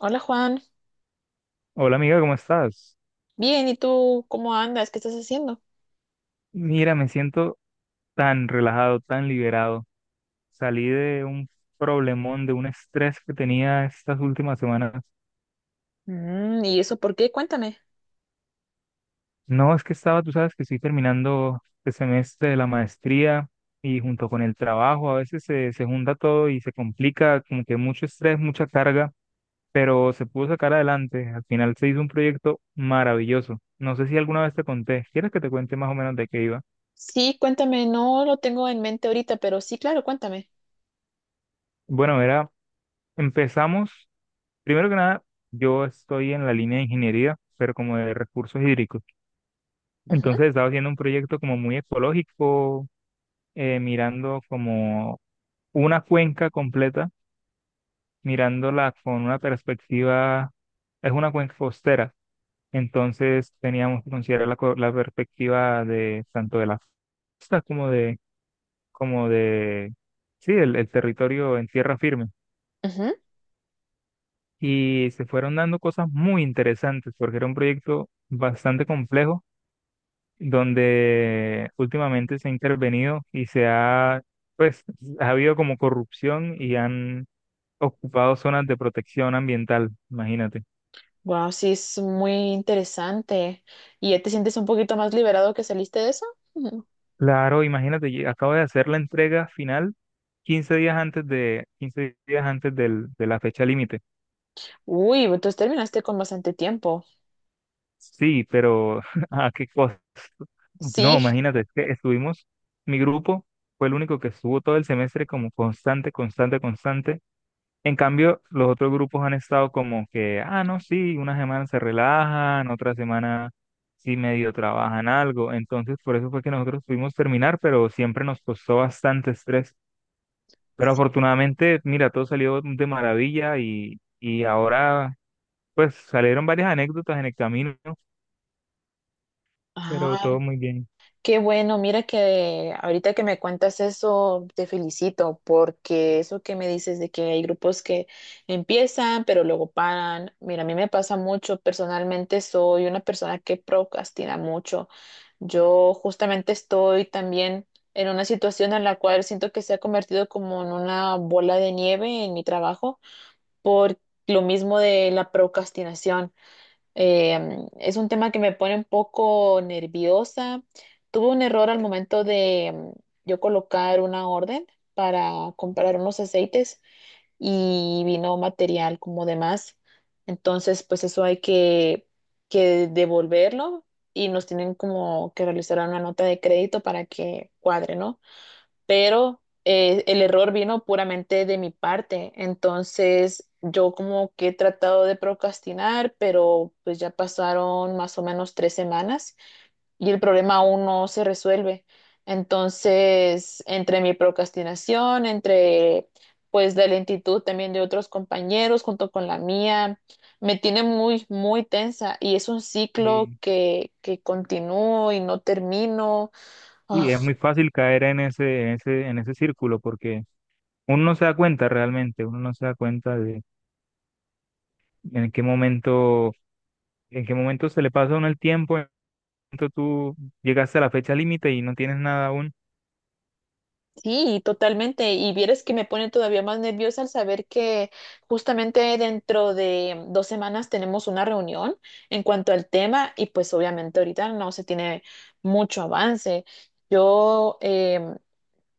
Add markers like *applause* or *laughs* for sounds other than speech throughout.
Hola Juan, Hola amiga, ¿cómo estás? bien, ¿y tú cómo andas? ¿Qué estás haciendo? Mira, me siento tan relajado, tan liberado. Salí de un problemón, de un estrés que tenía estas últimas semanas. Mm, ¿y eso por qué? Cuéntame. No, es que estaba, tú sabes que estoy terminando el semestre de la maestría y junto con el trabajo a veces se junta todo y se complica, como que mucho estrés, mucha carga, pero se pudo sacar adelante. Al final se hizo un proyecto maravilloso. No sé si alguna vez te conté. ¿Quieres que te cuente más o menos de qué iba? Sí, cuéntame, no lo tengo en mente ahorita, pero sí, claro, cuéntame. Bueno, empezamos. Primero que nada, yo estoy en la línea de ingeniería, pero como de recursos hídricos. Entonces estaba haciendo un proyecto como muy ecológico, mirando como una cuenca completa, mirándola con una perspectiva, es una cuenca costera. Entonces teníamos que considerar la perspectiva de tanto de la costa como de, sí, el territorio en tierra firme. Y se fueron dando cosas muy interesantes porque era un proyecto bastante complejo donde últimamente se ha intervenido y pues, ha habido como corrupción y han ocupado zonas de protección ambiental, imagínate. Wow, sí, es muy interesante. ¿Y ya te sientes un poquito más liberado que saliste de eso? Ujú. Claro, imagínate, y acabo de hacer la entrega final 15 días antes de la fecha límite. Uy, entonces terminaste con bastante tiempo. Sí, pero *laughs* ¿a qué costo? No, Sí. imagínate, es que estuvimos, mi grupo fue el único que estuvo todo el semestre como constante, constante, constante, en cambio, los otros grupos han estado como que, ah, no, sí, una semana se relajan, otra semana sí medio trabajan algo. Entonces, por eso fue que nosotros pudimos terminar, pero siempre nos costó bastante estrés. Pero Sí. afortunadamente, mira, todo salió de maravilla y ahora, pues, salieron varias anécdotas en el camino, pero Ah, todo muy bien. qué bueno, mira que ahorita que me cuentas eso, te felicito porque eso que me dices de que hay grupos que empiezan pero luego paran, mira, a mí me pasa mucho, personalmente soy una persona que procrastina mucho. Yo justamente estoy también en una situación en la cual siento que se ha convertido como en una bola de nieve en mi trabajo por lo mismo de la procrastinación. Es un tema que me pone un poco nerviosa. Tuve un error al momento de yo colocar una orden para comprar unos aceites y vino material como de más. Entonces, pues eso hay que devolverlo y nos tienen como que realizar una nota de crédito para que cuadre, ¿no? Pero el error vino puramente de mi parte. Entonces, yo como que he tratado de procrastinar, pero pues ya pasaron más o menos 3 semanas y el problema aún no se resuelve. Entonces, entre mi procrastinación, entre pues la lentitud también de otros compañeros junto con la mía, me tiene muy, muy tensa y es un ciclo Y, que continúo y no termino. Ah, y es muy fácil caer en ese círculo porque uno no se da cuenta realmente, uno no se da cuenta de en qué momento ¿En qué momento se le pasa a uno el tiempo? ¿En qué momento tú llegaste a la fecha límite y no tienes nada aún? sí, totalmente. Y vieras que me pone todavía más nerviosa al saber que justamente dentro de 2 semanas tenemos una reunión en cuanto al tema y pues obviamente ahorita no se tiene mucho avance. Yo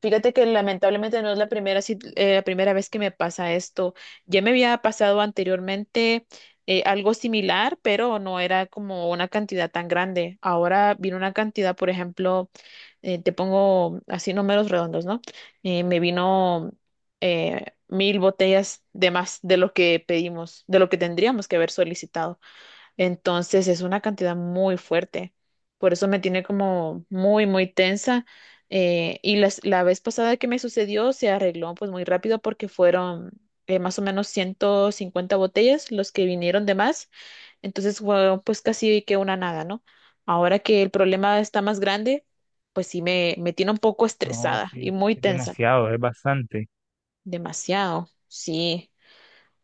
fíjate que lamentablemente no es la la primera vez que me pasa esto. Ya me había pasado anteriormente algo similar, pero no era como una cantidad tan grande. Ahora vino una cantidad, por ejemplo, te pongo así números redondos, ¿no? Me vino 1000 botellas de más de lo que pedimos, de lo que tendríamos que haber solicitado. Entonces es una cantidad muy fuerte. Por eso me tiene como muy, muy tensa. Y la vez pasada que me sucedió se arregló pues muy rápido porque fueron más o menos 150 botellas los que vinieron de más. Entonces fue pues casi que una nada, ¿no? Ahora que el problema está más grande, pues sí me tiene un poco No, estresada sí, y es muy es tensa. demasiado, es bastante. Demasiado, sí.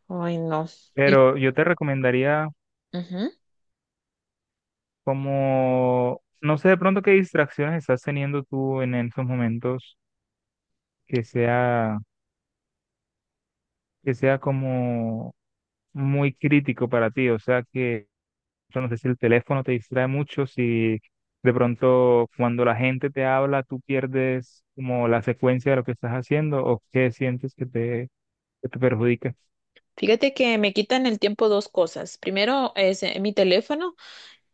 Ay, no. Y, Pero yo te recomendaría ujú. como, no sé de pronto qué distracciones estás teniendo tú en esos momentos que sea, que sea como muy crítico para ti, o sea que yo no sé si el teléfono te distrae mucho, si de pronto cuando la gente te habla tú pierdes como la secuencia de lo que estás haciendo o qué sientes que te, perjudica. Fíjate que me quitan el tiempo dos cosas. Primero es mi teléfono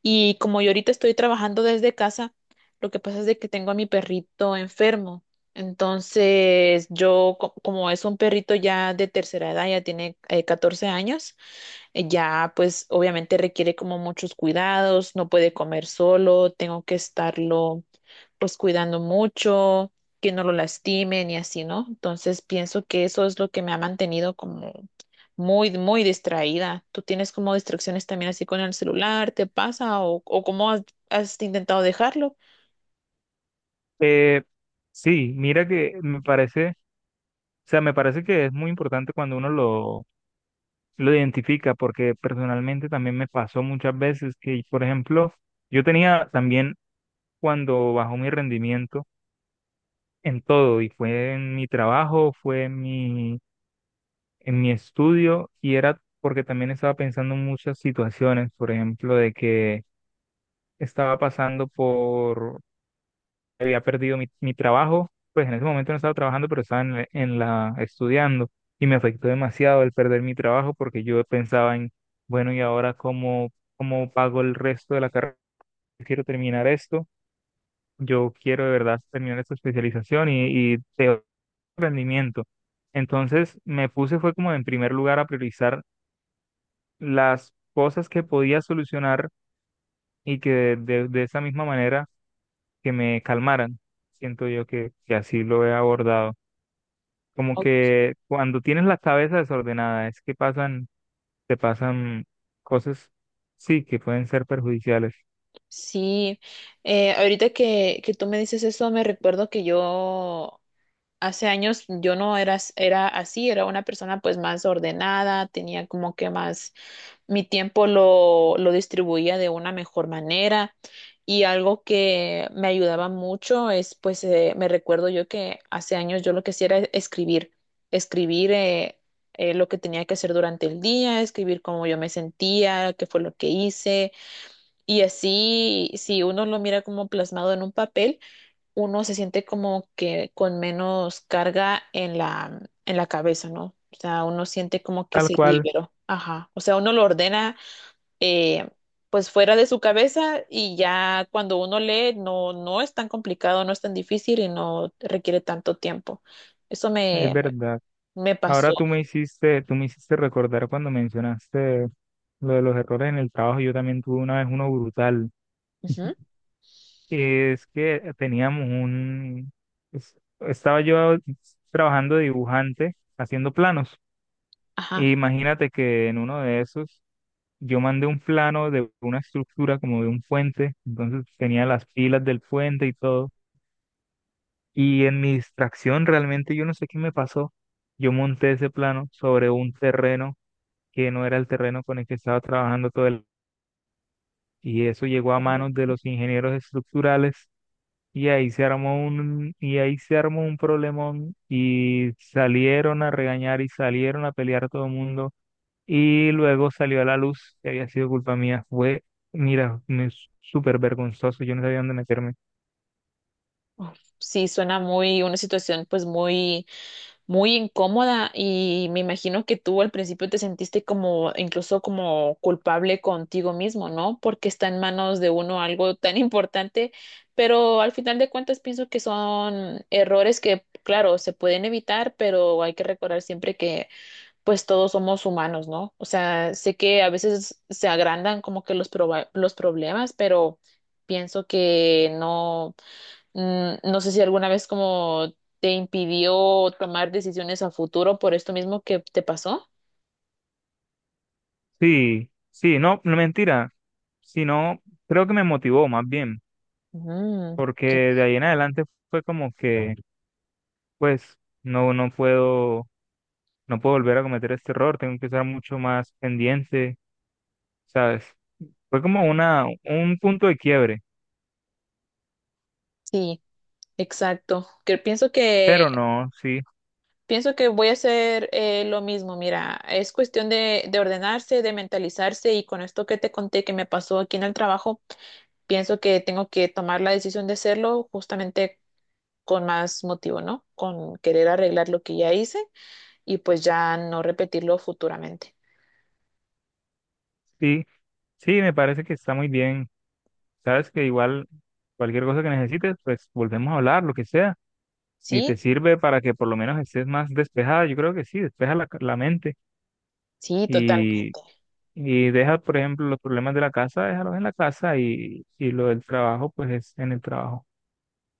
y como yo ahorita estoy trabajando desde casa, lo que pasa es de que tengo a mi perrito enfermo. Entonces yo, como es un perrito ya de tercera edad, ya tiene 14 años, ya pues obviamente requiere como muchos cuidados, no puede comer solo, tengo que estarlo pues cuidando mucho, que no lo lastimen y así, ¿no? Entonces pienso que eso es lo que me ha mantenido como muy, muy distraída. ¿Tú tienes como distracciones también así con el celular? ¿Te pasa? O cómo has intentado dejarlo? Eh, sí, mira que me parece, o sea, me parece que es muy importante cuando uno lo identifica, porque personalmente también me pasó muchas veces que, por ejemplo, yo tenía también cuando bajó mi rendimiento en todo, y fue en mi trabajo, fue en mi estudio y era porque también estaba pensando en muchas situaciones, por ejemplo, de que estaba pasando por, había perdido mi trabajo, pues en ese momento no estaba trabajando, pero estaba en la estudiando y me afectó demasiado el perder mi trabajo porque yo pensaba en, bueno, ¿y ahora cómo pago el resto de la carrera? Quiero terminar esto, yo quiero de verdad terminar esta especialización y de rendimiento. Entonces me puse fue como en primer lugar a priorizar las cosas que podía solucionar y que de esa misma manera que me calmaran. Siento yo que así lo he abordado. Como O- que cuando tienes la cabeza desordenada, es que te pasan cosas, sí, que pueden ser perjudiciales. sí, ahorita que tú me dices eso, me recuerdo que yo hace años yo no era, era así, era una persona pues más ordenada, tenía como que más, mi tiempo lo distribuía de una mejor manera y algo que me ayudaba mucho es pues me recuerdo yo que hace años yo lo que hacía era escribir, escribir lo que tenía que hacer durante el día, escribir cómo yo me sentía, qué fue lo que hice y así si uno lo mira como plasmado en un papel uno se siente como que con menos carga en la cabeza, ¿no? O sea, uno siente como que Tal se cual, liberó. Ajá. O sea, uno lo ordena eh, pues fuera de su cabeza y ya cuando uno lee no, no es tan complicado, no es tan difícil y no requiere tanto tiempo. Eso es me, verdad. me pasó. Ahora tú me hiciste recordar cuando mencionaste lo de los errores en el trabajo. Yo también tuve una vez uno brutal. Ujú. *laughs* Es que estaba yo trabajando de dibujante, haciendo planos. E Ajá. imagínate que en uno de esos yo mandé un plano de una estructura como de un puente, entonces tenía las pilas del puente y todo. Y en mi distracción realmente yo no sé qué me pasó. Yo monté ese plano sobre un terreno que no era el terreno con el que estaba trabajando todo el. Y eso llegó a manos de los ingenieros estructurales. Y ahí se armó un problemón y salieron a regañar y salieron a pelear todo el mundo y luego salió a la luz que había sido culpa mía. Mira, me súper vergonzoso, yo no sabía dónde meterme. Uf, sí, suena muy, una situación pues muy muy incómoda y me imagino que tú al principio te sentiste como incluso como culpable contigo mismo, ¿no? Porque está en manos de uno algo tan *laughs* importante, pero al final de cuentas pienso que son errores que, claro, se pueden evitar, pero hay que recordar siempre que pues todos somos humanos, ¿no? O sea, sé que a veces se agrandan como que los, los problemas, pero pienso que no. Mm, no sé si alguna vez como te impidió tomar decisiones a futuro por esto mismo que te pasó. Sí, sí, no, no mentira, sino creo que me motivó más bien, Mm, porque ok. de ahí en adelante fue como que, pues, no, no puedo volver a cometer este error, tengo que estar mucho más pendiente, ¿sabes? Fue como un punto de quiebre, Sí, exacto. Que pienso que pero no, sí, pienso que voy a hacer lo mismo. Mira, es cuestión de ordenarse, de mentalizarse y con esto que te conté que me pasó aquí en el trabajo, pienso que tengo que tomar la decisión de hacerlo justamente con más motivo, ¿no? Con querer arreglar lo que ya hice y pues ya no repetirlo futuramente. sí, sí, me parece que está muy bien. Sabes que igual cualquier cosa que necesites, pues volvemos a hablar, lo que sea. Si Sí, te sirve para que por lo menos estés más despejada, yo creo que sí, despeja la mente sí, totalmente. y, y deja, por ejemplo, los problemas de la casa, déjalos en la casa y lo del trabajo, pues es en el trabajo.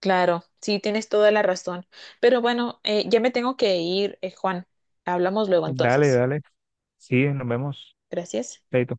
Claro, sí, tienes toda la razón. Pero bueno, ya me tengo que ir, Juan. Hablamos luego Dale, entonces. dale, sí, nos vemos. Gracias. Chaito.